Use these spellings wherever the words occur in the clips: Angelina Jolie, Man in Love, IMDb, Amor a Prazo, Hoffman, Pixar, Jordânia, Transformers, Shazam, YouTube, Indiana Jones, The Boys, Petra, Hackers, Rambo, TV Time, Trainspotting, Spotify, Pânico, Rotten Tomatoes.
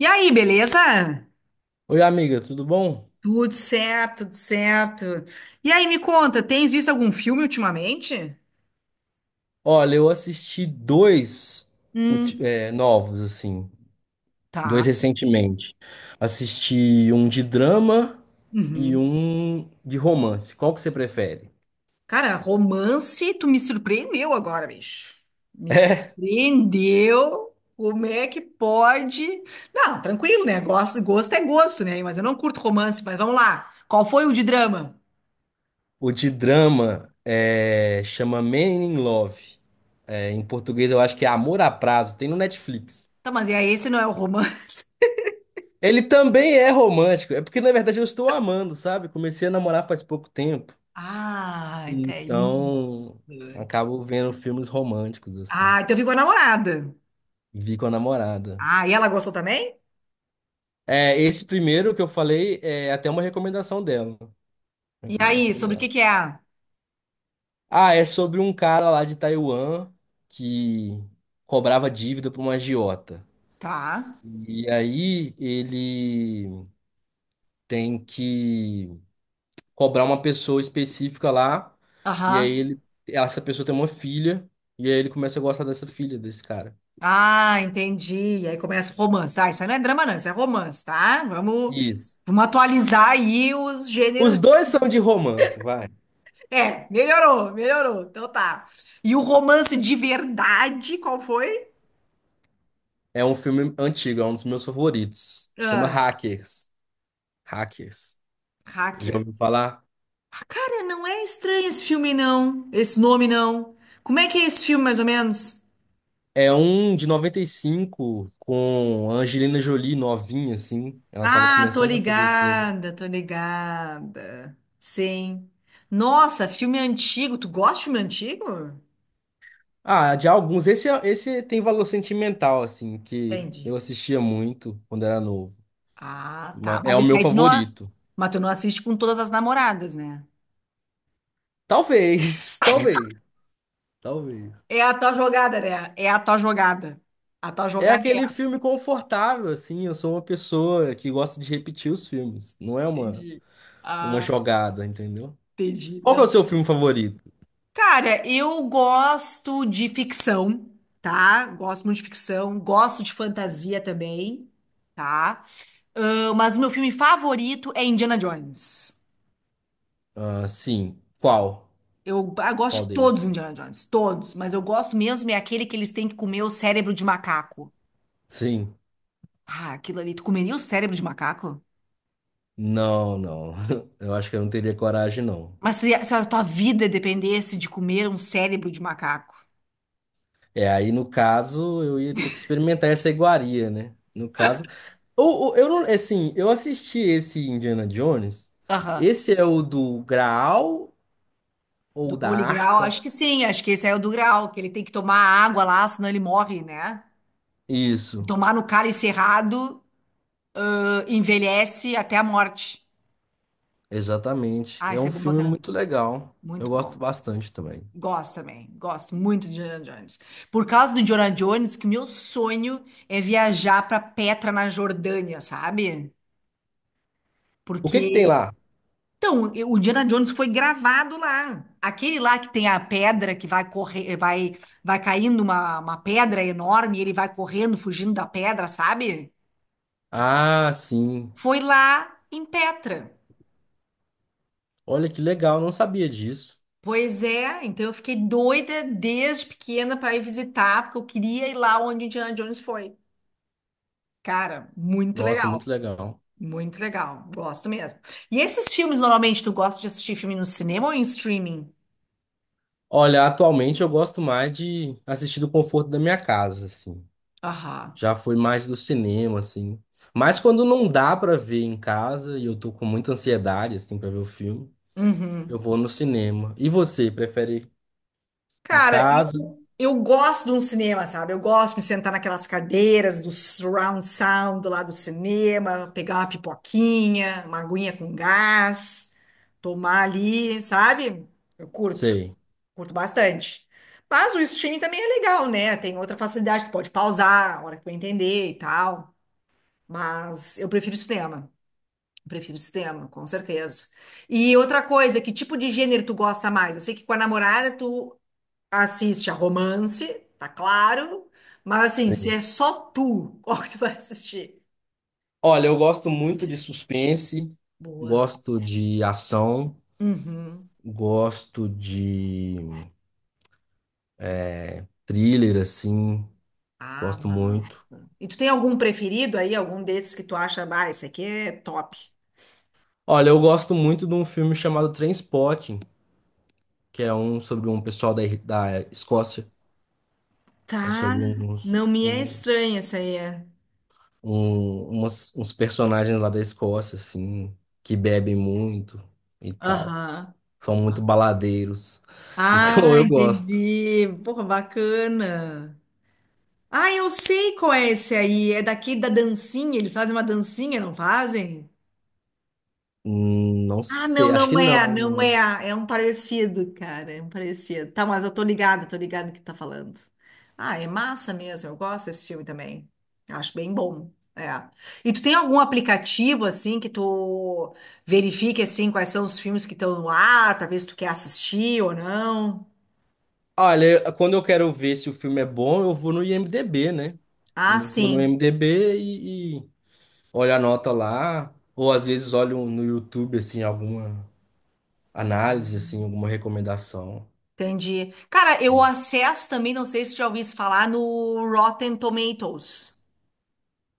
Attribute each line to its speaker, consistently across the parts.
Speaker 1: E aí, beleza?
Speaker 2: Oi, amiga, tudo bom?
Speaker 1: Tudo certo, tudo certo. E aí, me conta, tens visto algum filme ultimamente?
Speaker 2: Olha, eu assisti
Speaker 1: Hum.
Speaker 2: novos, assim, dois
Speaker 1: Tá.
Speaker 2: recentemente. Assisti um de drama e
Speaker 1: Uhum.
Speaker 2: um de romance. Qual que você prefere?
Speaker 1: Cara, romance, tu me surpreendeu agora, bicho. Me
Speaker 2: É,
Speaker 1: surpreendeu. Como é que pode? Não, tranquilo, né? Gosto, gosto é gosto, né? Mas eu não curto romance, mas vamos lá. Qual foi o de drama?
Speaker 2: o de drama chama Man in Love. É, em português eu acho que é Amor a Prazo, tem no Netflix.
Speaker 1: Tá, mas e aí, esse não é o romance?
Speaker 2: Ele também é romântico, é porque na verdade eu estou amando, sabe? Comecei a namorar faz pouco tempo,
Speaker 1: Ah, até isso.
Speaker 2: então acabo vendo filmes românticos, assim.
Speaker 1: Ah, então ficou a namorada.
Speaker 2: Vi com a namorada.
Speaker 1: Ah, e ela gostou também?
Speaker 2: Esse primeiro que eu falei é até uma recomendação dela.
Speaker 1: E aí,
Speaker 2: Recomendação
Speaker 1: sobre o que
Speaker 2: dela.
Speaker 1: que é?
Speaker 2: Ah, é sobre um cara lá de Taiwan que cobrava dívida para uma agiota.
Speaker 1: Tá.
Speaker 2: E aí ele tem que cobrar uma pessoa específica lá. E aí
Speaker 1: Aham.
Speaker 2: essa pessoa tem uma filha. E aí ele começa a gostar dessa filha, desse cara.
Speaker 1: Ah, entendi. E aí começa o romance. Ah, isso aí não é drama, não, isso é romance, tá? Vamos,
Speaker 2: Isso.
Speaker 1: vamos atualizar aí os gêneros.
Speaker 2: Os dois são de romance, vai.
Speaker 1: É, melhorou, melhorou. Então tá. E o romance de verdade, qual foi?
Speaker 2: É um filme antigo, é um dos meus favoritos. Chama
Speaker 1: Ah,
Speaker 2: Hackers. Hackers. Já
Speaker 1: Hacker.
Speaker 2: ouviu falar?
Speaker 1: Ah, cara, não é estranho esse filme, não. Esse nome, não. Como é que é esse filme, mais ou menos?
Speaker 2: É um de 95 com a Angelina Jolie novinha, assim. Ela tava
Speaker 1: Ah, tô
Speaker 2: começando a fazer filme.
Speaker 1: ligada, tô ligada. Sim. Nossa, filme antigo. Tu gosta de filme antigo?
Speaker 2: Ah, de alguns. Esse tem valor sentimental, assim, que eu
Speaker 1: Entendi.
Speaker 2: assistia muito quando era novo.
Speaker 1: Ah, tá.
Speaker 2: É
Speaker 1: Mas
Speaker 2: o
Speaker 1: esse
Speaker 2: meu
Speaker 1: aí tu não, a-
Speaker 2: favorito.
Speaker 1: mas tu não assiste com todas as namoradas, né?
Speaker 2: Talvez, talvez, talvez.
Speaker 1: É a tua jogada, né? É a tua jogada. A tua
Speaker 2: É
Speaker 1: jogada
Speaker 2: aquele filme confortável, assim. Eu sou uma pessoa que gosta de repetir os filmes. Não é
Speaker 1: é.
Speaker 2: uma,
Speaker 1: Entendi.
Speaker 2: uma
Speaker 1: Ah,
Speaker 2: jogada, entendeu?
Speaker 1: entendi.
Speaker 2: Qual que é o
Speaker 1: Não.
Speaker 2: seu filme favorito?
Speaker 1: Cara, eu gosto de ficção, tá? Gosto muito de ficção. Gosto de fantasia também, tá? Ah, mas o meu filme favorito é Indiana Jones.
Speaker 2: Ah, sim. Qual?
Speaker 1: Eu, ah, eu gosto
Speaker 2: Qual
Speaker 1: de todos os
Speaker 2: deles?
Speaker 1: Indiana Jones, todos, mas eu gosto mesmo é aquele que eles têm que comer o cérebro de macaco.
Speaker 2: Sim.
Speaker 1: Ah, aquilo ali, tu comeria o cérebro de macaco?
Speaker 2: Não, não. Eu acho que eu não teria coragem, não.
Speaker 1: Mas se a tua vida dependesse de comer um cérebro de macaco?
Speaker 2: É, aí no caso, eu ia ter que experimentar essa iguaria, né? No caso. Eu não, assim, eu assisti esse Indiana Jones.
Speaker 1: Aham.
Speaker 2: Esse é o do Graal ou
Speaker 1: Do
Speaker 2: da
Speaker 1: Holy Grail,
Speaker 2: Arca?
Speaker 1: acho que sim, acho que esse é o do Grail, que ele tem que tomar água lá, senão ele morre, né?
Speaker 2: Isso,
Speaker 1: Tomar no cálice errado, ah, envelhece até a morte.
Speaker 2: exatamente.
Speaker 1: Ah,
Speaker 2: É
Speaker 1: isso é
Speaker 2: um
Speaker 1: bom pra
Speaker 2: filme
Speaker 1: caramba.
Speaker 2: muito legal. Eu
Speaker 1: Muito
Speaker 2: gosto
Speaker 1: bom.
Speaker 2: bastante também.
Speaker 1: Gosto também, gosto muito de Indiana Jones. Por causa do Indiana Jones, que meu sonho é viajar para Petra, na Jordânia, sabe?
Speaker 2: O que que tem
Speaker 1: Porque,
Speaker 2: lá?
Speaker 1: então, eu- o Indiana Jones foi gravado lá. Aquele lá que tem a pedra que vai correr, vai, vai caindo uma pedra enorme e ele vai correndo, fugindo da pedra, sabe?
Speaker 2: Ah, sim.
Speaker 1: Foi lá em Petra.
Speaker 2: Olha que legal, não sabia disso.
Speaker 1: Pois é, então eu fiquei doida desde pequena para ir visitar, porque eu queria ir lá onde Indiana Jones foi. Cara, muito
Speaker 2: Nossa, muito
Speaker 1: legal.
Speaker 2: legal.
Speaker 1: Muito legal, gosto mesmo. E esses filmes, normalmente, tu gosta de assistir filme no cinema ou em streaming?
Speaker 2: Olha, atualmente eu gosto mais de assistir do conforto da minha casa, assim.
Speaker 1: Aham.
Speaker 2: Já foi mais do cinema, assim. Mas quando não dá pra ver em casa e eu tô com muita ansiedade, assim, pra ver o filme,
Speaker 1: Uhum.
Speaker 2: eu vou no cinema. E você, prefere em
Speaker 1: Cara,
Speaker 2: casa?
Speaker 1: eu gosto de um cinema, sabe? Eu gosto de me sentar naquelas cadeiras do surround sound lá do cinema, pegar uma pipoquinha, uma aguinha com gás, tomar ali, sabe? Eu curto,
Speaker 2: Sei.
Speaker 1: curto bastante. Mas o streaming também é legal, né? Tem outra facilidade, tu pode pausar a hora que tu entender e tal. Mas eu prefiro cinema. Prefiro sistema, com certeza. E outra coisa, que tipo de gênero tu gosta mais? Eu sei que com a namorada tu assiste a romance, tá claro, mas assim, se
Speaker 2: Sei.
Speaker 1: é só tu, qual que tu vai assistir?
Speaker 2: Olha, eu gosto muito de suspense,
Speaker 1: Boa.
Speaker 2: gosto de ação,
Speaker 1: Uhum.
Speaker 2: gosto de thriller, assim,
Speaker 1: Ah,
Speaker 2: gosto muito.
Speaker 1: massa. E tu tem algum preferido aí, algum desses que tu acha, ah, esse aqui é top?
Speaker 2: Olha, eu gosto muito de um filme chamado Trainspotting, que é um sobre um pessoal da Escócia. É
Speaker 1: Tá,
Speaker 2: sobre
Speaker 1: não
Speaker 2: uns,
Speaker 1: me é
Speaker 2: um,
Speaker 1: estranha essa aí. É.
Speaker 2: um- umas- uns personagens lá da Escócia, assim, que bebem muito e tal.
Speaker 1: Aham.
Speaker 2: São muito baladeiros.
Speaker 1: Ah,
Speaker 2: Então eu gosto.
Speaker 1: entendi. Porra, bacana. Ah, eu sei qual é esse aí. É daqui da dancinha. Eles fazem uma dancinha, não fazem?
Speaker 2: Não
Speaker 1: Ah,
Speaker 2: sei,
Speaker 1: não,
Speaker 2: acho que
Speaker 1: não é,
Speaker 2: não,
Speaker 1: não
Speaker 2: não.
Speaker 1: é. É um parecido, cara. É um parecido. Tá, mas eu tô ligada no que tu tá falando. Ah, é massa mesmo. Eu gosto desse filme também. Acho bem bom. É. E tu tem algum aplicativo assim que tu verifique assim quais são os filmes que estão no ar pra ver se tu quer assistir ou não?
Speaker 2: Olha, quando eu quero ver se o filme é bom, eu vou no IMDb, né?
Speaker 1: Ah,
Speaker 2: Eu vou no
Speaker 1: sim.
Speaker 2: IMDb e olho a nota lá. Ou às vezes olho no YouTube, assim, alguma análise, assim, alguma recomendação.
Speaker 1: Entendi. Cara, eu acesso também, não sei se já ouvi falar, no Rotten Tomatoes.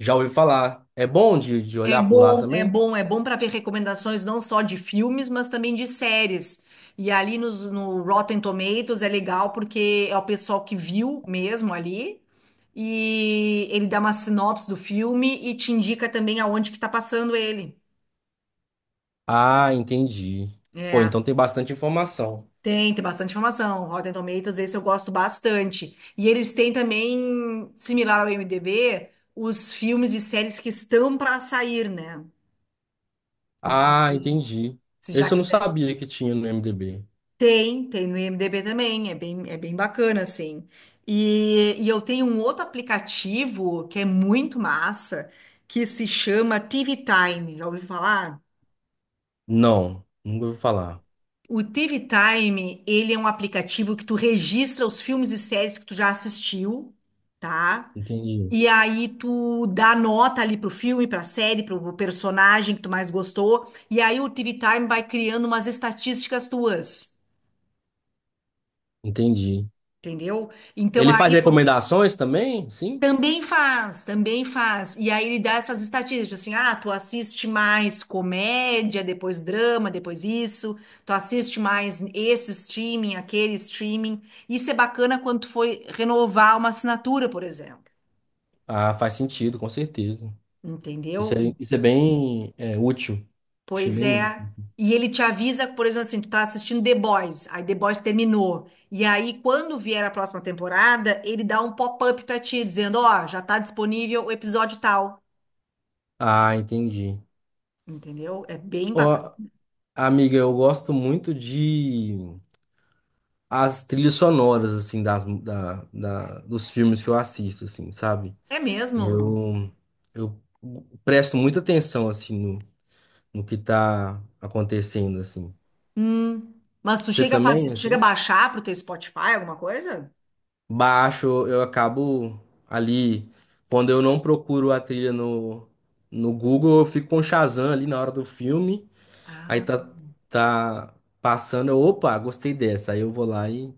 Speaker 2: Já ouvi falar. É bom de,
Speaker 1: É
Speaker 2: olhar por lá
Speaker 1: bom, é
Speaker 2: também?
Speaker 1: bom, é bom para ver recomendações não só de filmes, mas também de séries. E ali nos, no Rotten Tomatoes é legal porque é o pessoal que viu mesmo ali e ele dá uma sinopse do filme e te indica também aonde que tá passando ele.
Speaker 2: Ah, entendi. Pô,
Speaker 1: É.
Speaker 2: então tem bastante informação.
Speaker 1: Tem, tem bastante informação. Rotten Tomatoes, esse eu gosto bastante. E eles têm também, similar ao IMDb, os filmes e séries que estão para sair, né? Então,
Speaker 2: Ah,
Speaker 1: se,
Speaker 2: entendi.
Speaker 1: se já
Speaker 2: Esse eu não
Speaker 1: quiser.
Speaker 2: sabia que tinha no MDB.
Speaker 1: Tem, tem no IMDb também. É bem bacana, assim. E eu tenho um outro aplicativo que é muito massa, que se chama TV Time. Já ouviu falar?
Speaker 2: Não, nunca ouvi falar.
Speaker 1: O TV Time, ele é um aplicativo que tu registra os filmes e séries que tu já assistiu, tá?
Speaker 2: Entendi.
Speaker 1: E aí tu dá nota ali pro filme, pra série, pro personagem que tu mais gostou. E aí o TV Time vai criando umas estatísticas tuas,
Speaker 2: Entendi.
Speaker 1: entendeu? Então
Speaker 2: Ele faz
Speaker 1: aí por-
Speaker 2: recomendações também? Sim?
Speaker 1: também faz, também faz. E aí ele dá essas estatísticas, assim, ah, tu assiste mais comédia, depois drama, depois isso. Tu assiste mais esse streaming, aquele streaming. Isso é bacana quando tu foi renovar uma assinatura, por exemplo.
Speaker 2: Ah, faz sentido, com certeza. Isso
Speaker 1: Entendeu?
Speaker 2: é, isso é bem útil. Achei
Speaker 1: Pois
Speaker 2: bem
Speaker 1: é.
Speaker 2: útil.
Speaker 1: E ele te avisa, por exemplo, assim, tu tá assistindo The Boys, aí The Boys terminou. E aí, quando vier a próxima temporada, ele dá um pop-up pra ti, dizendo, ó, já tá disponível o episódio tal.
Speaker 2: Ah, entendi.
Speaker 1: Entendeu? É bem bacana.
Speaker 2: Ó, amiga, eu gosto muito de as trilhas sonoras, assim, das, dos filmes que eu assisto, assim, sabe?
Speaker 1: É mesmo?
Speaker 2: Eu, eu presto muita atenção, assim, no, que tá acontecendo, assim.
Speaker 1: Hum. Mas tu
Speaker 2: Você
Speaker 1: chega a fazer,
Speaker 2: também,
Speaker 1: tu chega a
Speaker 2: assim?
Speaker 1: baixar pro teu Spotify, alguma coisa?
Speaker 2: Baixo, eu acabo ali, quando eu não procuro a trilha no Google, eu fico com o Shazam ali na hora do filme, aí
Speaker 1: Ah,
Speaker 2: tá passando, opa, gostei dessa, aí eu vou lá e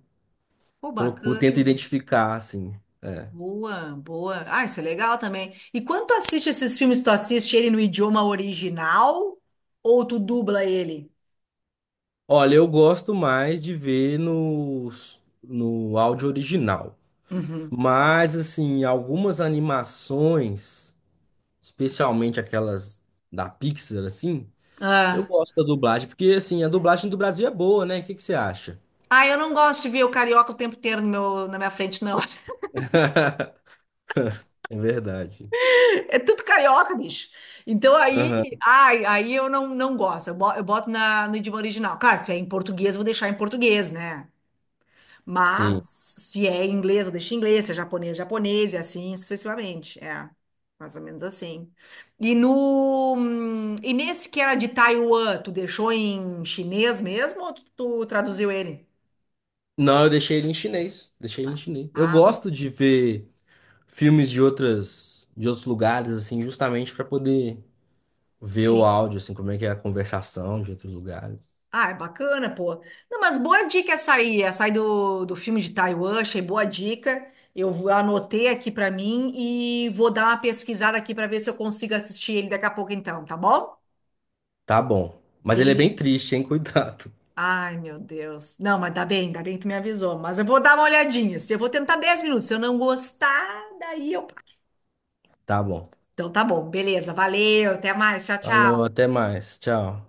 Speaker 1: pô,
Speaker 2: procuro, tento
Speaker 1: bacana.
Speaker 2: identificar, assim.
Speaker 1: Boa, boa. Ah, isso é legal também. E quando tu assiste esses filmes, tu assiste ele no idioma original ou tu dubla ele?
Speaker 2: Olha, eu gosto mais de ver no áudio original.
Speaker 1: Uhum.
Speaker 2: Mas, assim, algumas animações, especialmente aquelas da Pixar, assim, eu
Speaker 1: Ah.
Speaker 2: gosto da dublagem, porque, assim, a dublagem do Brasil é boa, né? O que que você acha?
Speaker 1: Ah, eu não gosto de ver o carioca o tempo inteiro no meu, na minha frente, não.
Speaker 2: É verdade.
Speaker 1: É tudo carioca, bicho. Então aí,
Speaker 2: Aham,
Speaker 1: ai, aí eu não, não gosto. Eu boto na, no idioma original. Claro, se é em português, eu vou deixar em português, né?
Speaker 2: sim.
Speaker 1: Mas se é em inglês, eu deixo em inglês. Se é japonês, japonês, e assim sucessivamente. É, mais ou menos assim. E no, e nesse que era de Taiwan, tu deixou em chinês mesmo ou tu traduziu ele?
Speaker 2: Não, eu deixei ele em chinês. Deixei ele em chinês. Eu
Speaker 1: Ah,
Speaker 2: gosto de ver filmes de de outros lugares, assim, justamente para poder ver o
Speaker 1: sim.
Speaker 2: áudio, assim, como é que é a conversação de outros lugares.
Speaker 1: Ah, é bacana, pô. Não, mas boa dica essa aí do, do filme de Taiwan, achei boa dica. Eu vou- anotei aqui pra mim e vou dar uma pesquisada aqui pra ver se eu consigo assistir ele daqui a pouco então, tá bom?
Speaker 2: Tá bom. Mas ele é
Speaker 1: Dele.
Speaker 2: bem triste, hein? Cuidado.
Speaker 1: Ai, meu Deus. Não, mas dá bem que tu me avisou, mas eu vou dar uma olhadinha. Se eu vou tentar 10 minutos, se eu não gostar, daí eu.
Speaker 2: Tá bom.
Speaker 1: Então tá bom, beleza, valeu, até mais, tchau, tchau.
Speaker 2: Falou, até mais. Tchau.